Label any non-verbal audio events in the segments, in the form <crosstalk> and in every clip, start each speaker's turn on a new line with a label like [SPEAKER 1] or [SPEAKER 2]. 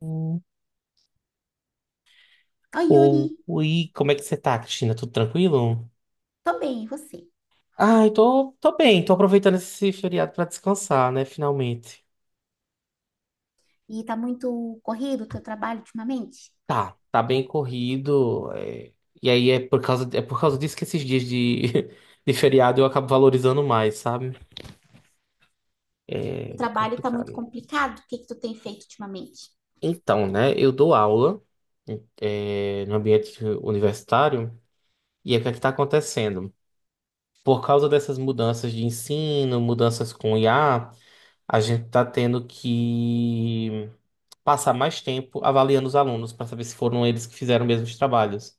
[SPEAKER 1] Hum.
[SPEAKER 2] Oi, Yuri.
[SPEAKER 1] Ou, oi, como é que você tá, Cristina? Tudo tranquilo?
[SPEAKER 2] Tô bem, e você?
[SPEAKER 1] Ah, eu tô bem, tô aproveitando esse feriado pra descansar, né, finalmente.
[SPEAKER 2] E tá muito corrido o teu trabalho ultimamente?
[SPEAKER 1] Tá bem corrido, e aí é por causa disso que esses dias de, <laughs> de feriado eu acabo valorizando mais, sabe?
[SPEAKER 2] O
[SPEAKER 1] É
[SPEAKER 2] trabalho tá muito
[SPEAKER 1] complicado.
[SPEAKER 2] complicado? O que que tu tem feito ultimamente?
[SPEAKER 1] Então, né, eu dou aula, no ambiente universitário, e aí o que é que tá acontecendo? Por causa dessas mudanças de ensino, mudanças com IA. A gente está tendo que passar mais tempo avaliando os alunos para saber se foram eles que fizeram mesmo os trabalhos.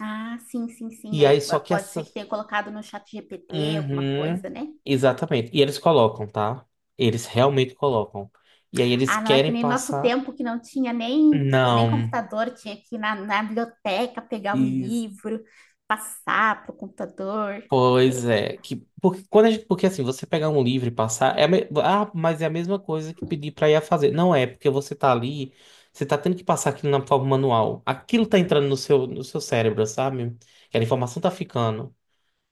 [SPEAKER 2] Ah, sim, sim, sim,
[SPEAKER 1] E
[SPEAKER 2] né?
[SPEAKER 1] aí, só que
[SPEAKER 2] Pode ser
[SPEAKER 1] essa.
[SPEAKER 2] que tenha colocado no chat GPT alguma
[SPEAKER 1] Uhum,
[SPEAKER 2] coisa, né?
[SPEAKER 1] exatamente. E eles colocam, tá? Eles realmente colocam. E aí, eles
[SPEAKER 2] Ah, não é que
[SPEAKER 1] querem
[SPEAKER 2] nem nosso
[SPEAKER 1] passar.
[SPEAKER 2] tempo que não tinha nem
[SPEAKER 1] Não.
[SPEAKER 2] computador, tinha que ir na biblioteca pegar o
[SPEAKER 1] Isso.
[SPEAKER 2] livro, passar pro computador.
[SPEAKER 1] Pois
[SPEAKER 2] É,
[SPEAKER 1] é, que porque quando a gente, porque assim, você pegar um livro e passar, ah, mas é a mesma coisa que pedir pra ir a fazer. Não é, porque você tá ali, você tá tendo que passar aquilo na forma manual. Aquilo tá entrando no seu cérebro, sabe? Que a informação tá ficando.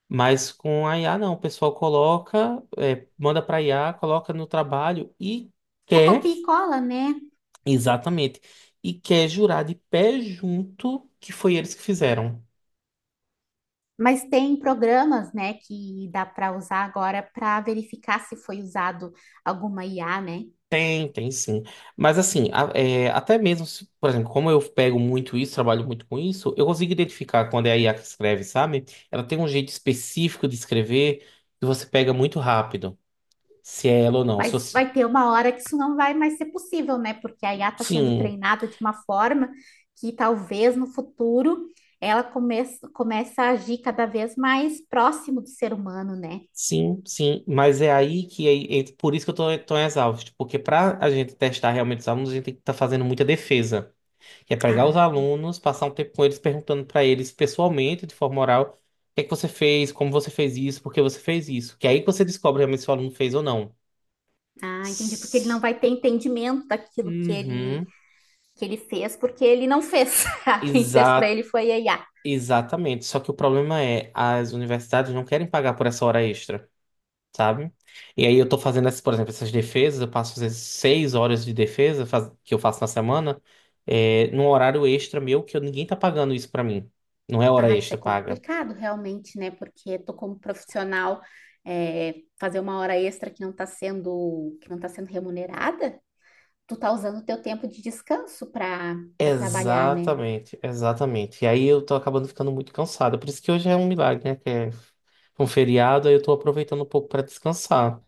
[SPEAKER 1] Mas com a IA não, o pessoal coloca, manda pra IA, coloca no trabalho e
[SPEAKER 2] só
[SPEAKER 1] quer,
[SPEAKER 2] copia e cola, né?
[SPEAKER 1] exatamente, e quer jurar de pé junto que foi eles que fizeram.
[SPEAKER 2] Mas tem programas, né, que dá para usar agora para verificar se foi usado alguma IA, né?
[SPEAKER 1] Tem sim. Mas assim, até mesmo, por exemplo, como eu pego muito isso, trabalho muito com isso, eu consigo identificar quando é a IA que escreve, sabe? Ela tem um jeito específico de escrever que você pega muito rápido, se é ela ou não. Se
[SPEAKER 2] Mas
[SPEAKER 1] você...
[SPEAKER 2] vai ter uma hora que isso não vai mais ser possível, né? Porque a IA está sendo
[SPEAKER 1] Sim,
[SPEAKER 2] treinada de uma forma que talvez no futuro ela começa a agir cada vez mais próximo do ser humano, né?
[SPEAKER 1] sim, sim. Mas é aí que é por isso que eu tô tão exausto, porque pra a gente testar realmente os alunos, a gente tem que estar fazendo muita defesa. Que é pegar os
[SPEAKER 2] Ah,
[SPEAKER 1] alunos, passar um tempo com eles, perguntando para eles pessoalmente, de forma oral, o que é que você fez, como você fez isso, por que você fez isso. Que é aí que você descobre realmente se o aluno fez ou não.
[SPEAKER 2] ah, entendi. Porque ele não
[SPEAKER 1] S-
[SPEAKER 2] vai ter entendimento daquilo
[SPEAKER 1] Uhum.
[SPEAKER 2] que ele fez, porque ele não fez. <laughs> Quem fez para
[SPEAKER 1] Exa
[SPEAKER 2] ele foi a IA.
[SPEAKER 1] exatamente. Só que o problema é, as universidades não querem pagar por essa hora extra, sabe? E aí eu tô fazendo, essas, por exemplo, essas defesas, eu passo às vezes 6 horas de defesa que eu faço na semana, num horário extra meu que ninguém tá pagando isso pra mim. Não é hora
[SPEAKER 2] Ah, isso é
[SPEAKER 1] extra paga.
[SPEAKER 2] complicado realmente, né? Porque tô como profissional é, fazer uma hora extra que não tá sendo remunerada, tu tá usando o teu tempo de descanso para trabalhar, né?
[SPEAKER 1] Exatamente, exatamente. E aí eu tô acabando ficando muito cansado. Por isso que hoje é um milagre, né? Que é um feriado, aí eu tô aproveitando um pouco pra descansar.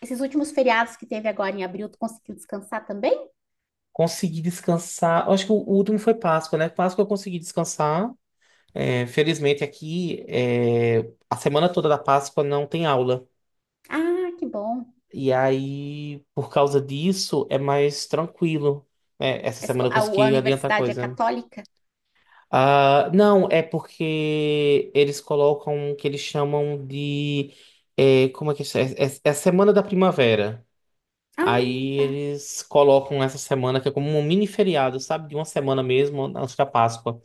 [SPEAKER 2] Esses últimos feriados que teve agora em abril, tu conseguiu descansar também?
[SPEAKER 1] Consegui descansar. Eu acho que o último foi Páscoa, né? Páscoa eu consegui descansar. É, felizmente aqui, a semana toda da Páscoa não tem aula.
[SPEAKER 2] Ah, que bom.
[SPEAKER 1] E aí, por causa disso, é mais tranquilo. É, essa
[SPEAKER 2] A,
[SPEAKER 1] semana
[SPEAKER 2] esco-
[SPEAKER 1] eu
[SPEAKER 2] a- a
[SPEAKER 1] consegui adiantar
[SPEAKER 2] universidade é
[SPEAKER 1] coisa.
[SPEAKER 2] católica?
[SPEAKER 1] Ah, não, é porque eles colocam o que eles chamam de. Como é que isso é? É a Semana da Primavera.
[SPEAKER 2] Ah,
[SPEAKER 1] Aí
[SPEAKER 2] tá.
[SPEAKER 1] eles colocam essa semana, que é como um mini feriado, sabe? De uma semana mesmo, antes da Páscoa.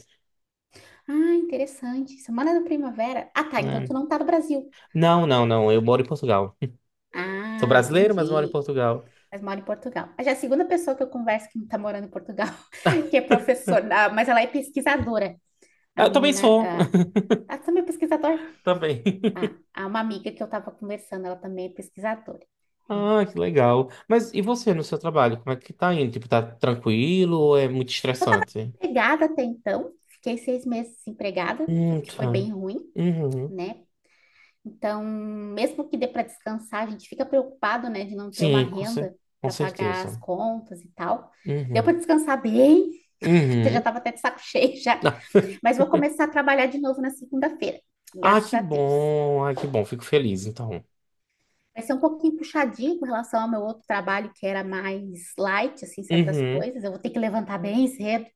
[SPEAKER 2] Ah, interessante. Semana da primavera. Ah, tá. Então tu
[SPEAKER 1] É.
[SPEAKER 2] não tá no Brasil.
[SPEAKER 1] Não, não, não. Eu moro em Portugal. <laughs> Sou
[SPEAKER 2] Ah,
[SPEAKER 1] brasileiro, mas moro em
[SPEAKER 2] entendi.
[SPEAKER 1] Portugal.
[SPEAKER 2] Mas mora em Portugal. Já é a segunda pessoa que eu converso que tá morando em Portugal, que é professora, ah, mas ela é pesquisadora. A
[SPEAKER 1] Ah, eu também
[SPEAKER 2] menina,
[SPEAKER 1] sou.
[SPEAKER 2] ah,
[SPEAKER 1] <laughs>
[SPEAKER 2] ela também é pesquisadora.
[SPEAKER 1] Também.
[SPEAKER 2] Ah,
[SPEAKER 1] <laughs>
[SPEAKER 2] há uma amiga que eu estava conversando, ela também é pesquisadora. É. Eu
[SPEAKER 1] Ah, que legal. Mas e você no seu trabalho? Como é que tá indo? Tipo, tá tranquilo ou é muito
[SPEAKER 2] estava
[SPEAKER 1] estressante?
[SPEAKER 2] desempregada até então, fiquei 6 meses desempregada, o que foi
[SPEAKER 1] Tá.
[SPEAKER 2] bem ruim,
[SPEAKER 1] Uhum.
[SPEAKER 2] né? Então, mesmo que dê para descansar, a gente fica preocupado, né, de não ter uma
[SPEAKER 1] Sim,
[SPEAKER 2] renda
[SPEAKER 1] com
[SPEAKER 2] para pagar as
[SPEAKER 1] certeza.
[SPEAKER 2] contas e tal. Deu para
[SPEAKER 1] Uhum.
[SPEAKER 2] descansar bem, <laughs> já
[SPEAKER 1] Uhum.
[SPEAKER 2] estava até de saco <laughs> cheio já, mas vou
[SPEAKER 1] <laughs>
[SPEAKER 2] começar a trabalhar de novo na segunda-feira,
[SPEAKER 1] Ah,
[SPEAKER 2] graças
[SPEAKER 1] que
[SPEAKER 2] a Deus.
[SPEAKER 1] bom. Ah, que bom. Fico feliz, então.
[SPEAKER 2] Vai ser um pouquinho puxadinho com relação ao meu outro trabalho, que era mais light, assim, certas
[SPEAKER 1] Uhum.
[SPEAKER 2] coisas. Eu vou ter que levantar bem cedo,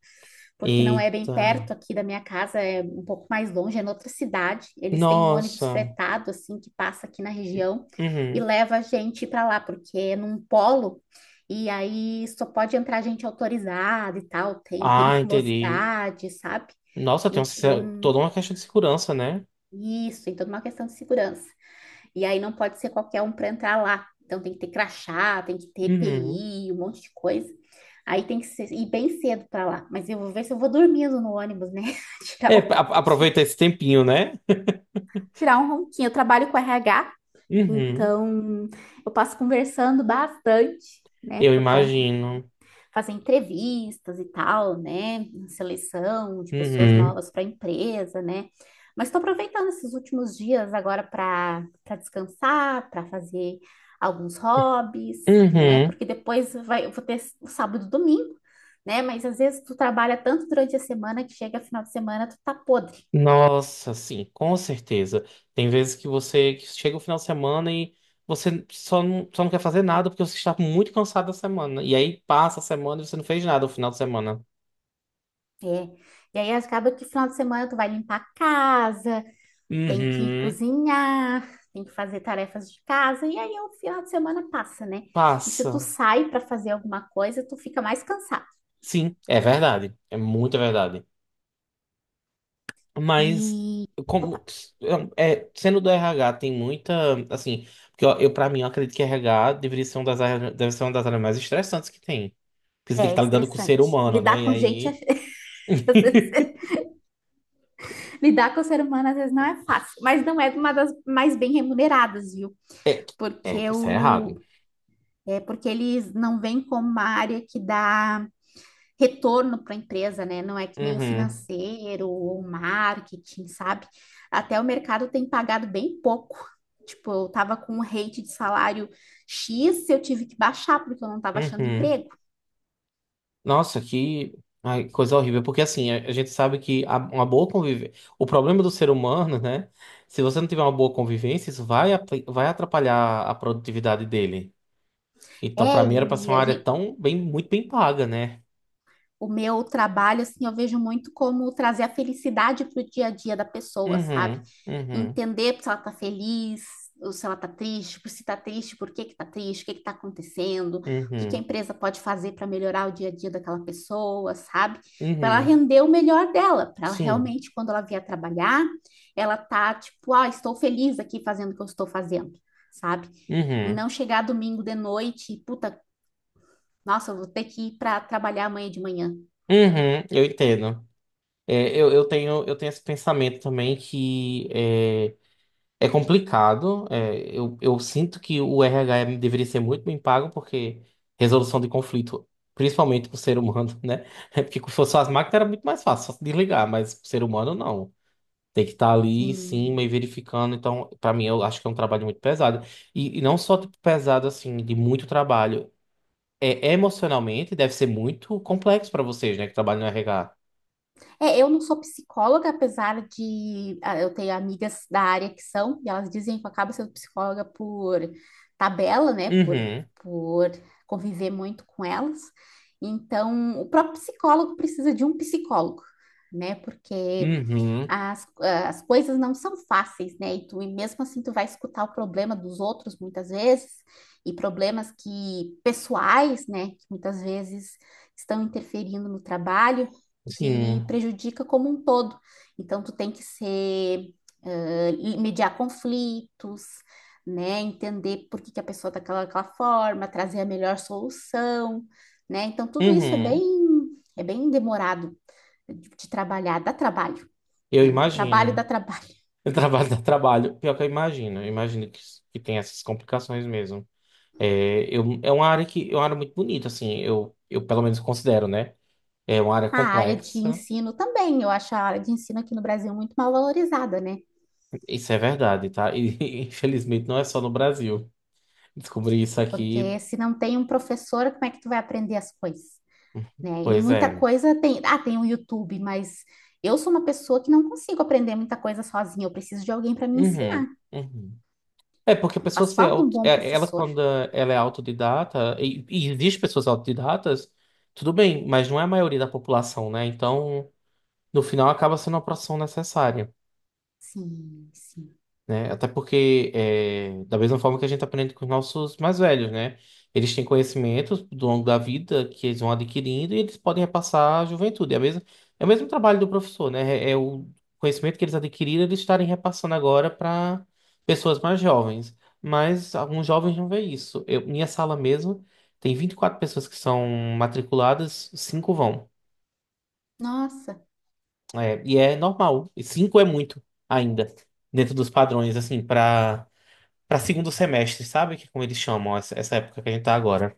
[SPEAKER 2] porque não é bem
[SPEAKER 1] Eita.
[SPEAKER 2] perto aqui da minha casa, é um pouco mais longe, é noutra cidade. Eles têm um ônibus
[SPEAKER 1] Nossa.
[SPEAKER 2] fretado, assim, que passa aqui na região e
[SPEAKER 1] Uhum.
[SPEAKER 2] leva a gente para lá, porque é num polo, e aí só pode entrar gente autorizada e tal, tem
[SPEAKER 1] Ah, entendi.
[SPEAKER 2] periculosidade, sabe?
[SPEAKER 1] Nossa, tem uma se-
[SPEAKER 2] Então,
[SPEAKER 1] toda uma questão de segurança, né?
[SPEAKER 2] isso, tem toda uma questão de segurança. E aí não pode ser qualquer um para entrar lá. Então tem que ter crachá, tem que ter
[SPEAKER 1] Uhum.
[SPEAKER 2] EPI, um monte de coisa. Aí tem que ser, ir bem cedo para lá. Mas eu vou ver se eu vou dormindo no ônibus, né? <laughs> Tirar,
[SPEAKER 1] É,
[SPEAKER 2] o-
[SPEAKER 1] aproveita esse tempinho, né? <laughs>
[SPEAKER 2] Tirar um ronquinho. Eu trabalho com RH,
[SPEAKER 1] Uhum.
[SPEAKER 2] então eu passo conversando bastante, né?
[SPEAKER 1] Eu
[SPEAKER 2] Por conta
[SPEAKER 1] imagino.
[SPEAKER 2] fazer entrevistas e tal, né? Seleção de pessoas
[SPEAKER 1] Uhum.
[SPEAKER 2] novas para a empresa, né? Mas estou aproveitando esses últimos dias agora para descansar, para fazer alguns hobbies, né?
[SPEAKER 1] Uhum.
[SPEAKER 2] Porque depois vai, eu vou ter o sábado e o domingo, né? Mas às vezes tu trabalha tanto durante a semana que chega final de semana tu tá podre.
[SPEAKER 1] Nossa, sim, com certeza. Tem vezes que você que chega o final de semana e você só não quer fazer nada porque você está muito cansado da semana. E aí passa a semana e você não fez nada o final de semana.
[SPEAKER 2] É. E aí acaba que final de semana tu vai limpar a casa, tem que
[SPEAKER 1] Uhum,
[SPEAKER 2] cozinhar, tem que fazer tarefas de casa, e aí o final de semana passa, né? E se tu
[SPEAKER 1] passa.
[SPEAKER 2] sai para fazer alguma coisa, tu fica mais cansado.
[SPEAKER 1] Sim, é verdade. É muita verdade. Mas
[SPEAKER 2] E
[SPEAKER 1] como é, sendo do RH tem muita, assim, porque eu para mim eu acredito que RH deveria ser uma deve ser uma das áreas mais estressantes que tem, porque você tem que
[SPEAKER 2] é
[SPEAKER 1] estar lidando com o ser
[SPEAKER 2] estressante.
[SPEAKER 1] humano, né?
[SPEAKER 2] Lidar
[SPEAKER 1] E
[SPEAKER 2] com gente, <laughs> às
[SPEAKER 1] aí <laughs>
[SPEAKER 2] vezes, lidar com o ser humano às vezes não é fácil, mas não é uma das mais bem remuneradas, viu?
[SPEAKER 1] É,
[SPEAKER 2] Porque
[SPEAKER 1] isso é errado.
[SPEAKER 2] o, é porque eles não veem como uma área que dá retorno para a empresa, né? Não é que nem o
[SPEAKER 1] Uhum,
[SPEAKER 2] financeiro ou o marketing, sabe? Até o mercado tem pagado bem pouco. Tipo, eu tava com um rate de salário X, eu tive que baixar porque eu não tava achando
[SPEAKER 1] uhum.
[SPEAKER 2] emprego.
[SPEAKER 1] Nossa, que ai, coisa horrível. Porque assim, a gente sabe que uma boa convivência. O problema do ser humano, né? Se você não tiver uma boa convivência, isso vai atrapalhar a produtividade dele. Então,
[SPEAKER 2] É,
[SPEAKER 1] pra mim, era pra ser
[SPEAKER 2] e
[SPEAKER 1] uma
[SPEAKER 2] a
[SPEAKER 1] área
[SPEAKER 2] gente
[SPEAKER 1] tão bem, muito bem paga, né?
[SPEAKER 2] o meu trabalho, assim, eu vejo muito como trazer a felicidade para o dia a dia da pessoa, sabe?
[SPEAKER 1] Uhum, uhum,
[SPEAKER 2] Entender se ela tá feliz, ou se ela tá triste, por se tá triste, por que que tá triste, o que que tá acontecendo, o que que a
[SPEAKER 1] uhum,
[SPEAKER 2] empresa pode fazer para melhorar o dia a dia daquela pessoa, sabe? Para ela
[SPEAKER 1] uhum.
[SPEAKER 2] render o melhor dela, para ela
[SPEAKER 1] Sim.
[SPEAKER 2] realmente, quando ela vier trabalhar, ela tá tipo, ah, estou feliz aqui fazendo o que eu estou fazendo, sabe? E
[SPEAKER 1] Uhum,
[SPEAKER 2] não chegar domingo de noite e, puta, nossa, eu vou ter que ir para trabalhar amanhã de manhã.
[SPEAKER 1] uhum. Eu entendo. É, eu tenho esse pensamento também que. É, É complicado. Eu sinto que o RH deveria ser muito bem pago, porque resolução de conflito, principalmente para o ser humano, né? <laughs> É porque se fosse só as máquinas era muito mais fácil, só se desligar, mas para o ser humano não. Tem que estar ali em cima
[SPEAKER 2] Sim.
[SPEAKER 1] e verificando. Então, para mim, eu acho que é um trabalho muito pesado. E não só tipo, pesado, assim, de muito trabalho. É, emocionalmente deve ser muito complexo para vocês, né, que trabalham no RH.
[SPEAKER 2] É, eu não sou psicóloga, apesar de eu ter amigas da área que são, e elas dizem que eu acabo sendo psicóloga por tabela, né? Por,
[SPEAKER 1] Uhum,
[SPEAKER 2] por conviver muito com elas. Então, o próprio psicólogo precisa de um psicólogo, né? Porque
[SPEAKER 1] uhum,
[SPEAKER 2] as coisas não são fáceis, né? E mesmo assim, tu vai escutar o problema dos outros muitas vezes, e problemas que pessoais, né? Que muitas vezes estão interferindo no trabalho que
[SPEAKER 1] sim,
[SPEAKER 2] prejudica como um todo. Então, tu tem que ser, ah, mediar conflitos, né? Entender por que que a pessoa está daquela forma, trazer a melhor solução, né? Então, tudo isso é
[SPEAKER 1] uhum.
[SPEAKER 2] bem, demorado de trabalhar, dá trabalho,
[SPEAKER 1] Eu
[SPEAKER 2] né? O trabalho dá
[SPEAKER 1] imagino. <laughs>
[SPEAKER 2] trabalho. <laughs>
[SPEAKER 1] O trabalho dá trabalho. Pior que eu imagino. Eu imagino que tem essas complicações mesmo. É, é uma área que é uma área muito bonita, assim. Eu pelo menos considero, né? É uma área
[SPEAKER 2] A área de
[SPEAKER 1] complexa.
[SPEAKER 2] ensino também, eu acho a área de ensino aqui no Brasil muito mal valorizada, né?
[SPEAKER 1] Isso é verdade, tá? E <laughs> infelizmente não é só no Brasil. Descobri isso aqui.
[SPEAKER 2] Porque se não tem um professor, como é que tu vai aprender as coisas? Né? E
[SPEAKER 1] Pois
[SPEAKER 2] muita
[SPEAKER 1] é.
[SPEAKER 2] coisa tem o YouTube, mas eu sou uma pessoa que não consigo aprender muita coisa sozinha, eu preciso de alguém para me
[SPEAKER 1] Uhum,
[SPEAKER 2] ensinar.
[SPEAKER 1] uhum. É porque a pessoa
[SPEAKER 2] Faz
[SPEAKER 1] se
[SPEAKER 2] falta um
[SPEAKER 1] auto,
[SPEAKER 2] bom
[SPEAKER 1] é- ela
[SPEAKER 2] professor.
[SPEAKER 1] quando ela é autodidata, e existe pessoas autodidatas, tudo bem, mas não é a maioria da população, né? Então, no final acaba sendo uma profissão necessária.
[SPEAKER 2] Sim, sim.
[SPEAKER 1] Né? Até porque, da mesma forma que a gente aprende com os nossos mais velhos, né? Eles têm conhecimentos do longo da vida que eles vão adquirindo e eles podem repassar à juventude. É, é o mesmo trabalho do professor, né? É o conhecimento que eles adquiriram, eles estarem repassando agora para pessoas mais jovens. Mas alguns jovens não veem isso. Minha sala mesmo tem 24 pessoas que são matriculadas, cinco vão.
[SPEAKER 2] Nossa,
[SPEAKER 1] É, e é normal. E cinco é muito ainda, dentro dos padrões, assim, para segundo semestre, sabe? Que é como eles chamam essa época que a gente tá agora.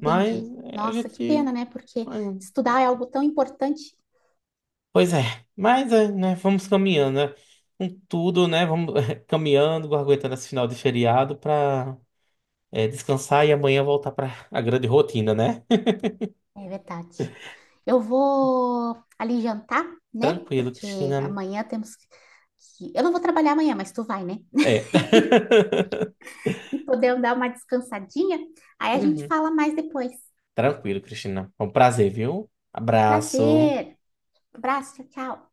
[SPEAKER 1] Mas é, a
[SPEAKER 2] Nossa, que
[SPEAKER 1] gente.
[SPEAKER 2] pena, né? Porque
[SPEAKER 1] é,
[SPEAKER 2] estudar é algo tão importante.
[SPEAKER 1] Pois é. Mas é, né, vamos caminhando, né? Com tudo, né? Vamos <laughs> caminhando, aguentando esse final de feriado para descansar e amanhã voltar para a grande rotina, né?
[SPEAKER 2] É verdade. Eu vou ali jantar,
[SPEAKER 1] <laughs>
[SPEAKER 2] né?
[SPEAKER 1] Tranquilo,
[SPEAKER 2] Porque
[SPEAKER 1] Cristina.
[SPEAKER 2] amanhã temos que... Eu não vou trabalhar amanhã, mas tu vai, né?
[SPEAKER 1] É. <laughs>
[SPEAKER 2] <laughs> E podemos dar uma descansadinha. Aí a gente
[SPEAKER 1] Uhum.
[SPEAKER 2] fala mais depois.
[SPEAKER 1] Tranquilo, Cristina. Foi um prazer, viu? Abraço.
[SPEAKER 2] Prazer. Abraço, tchau, tchau.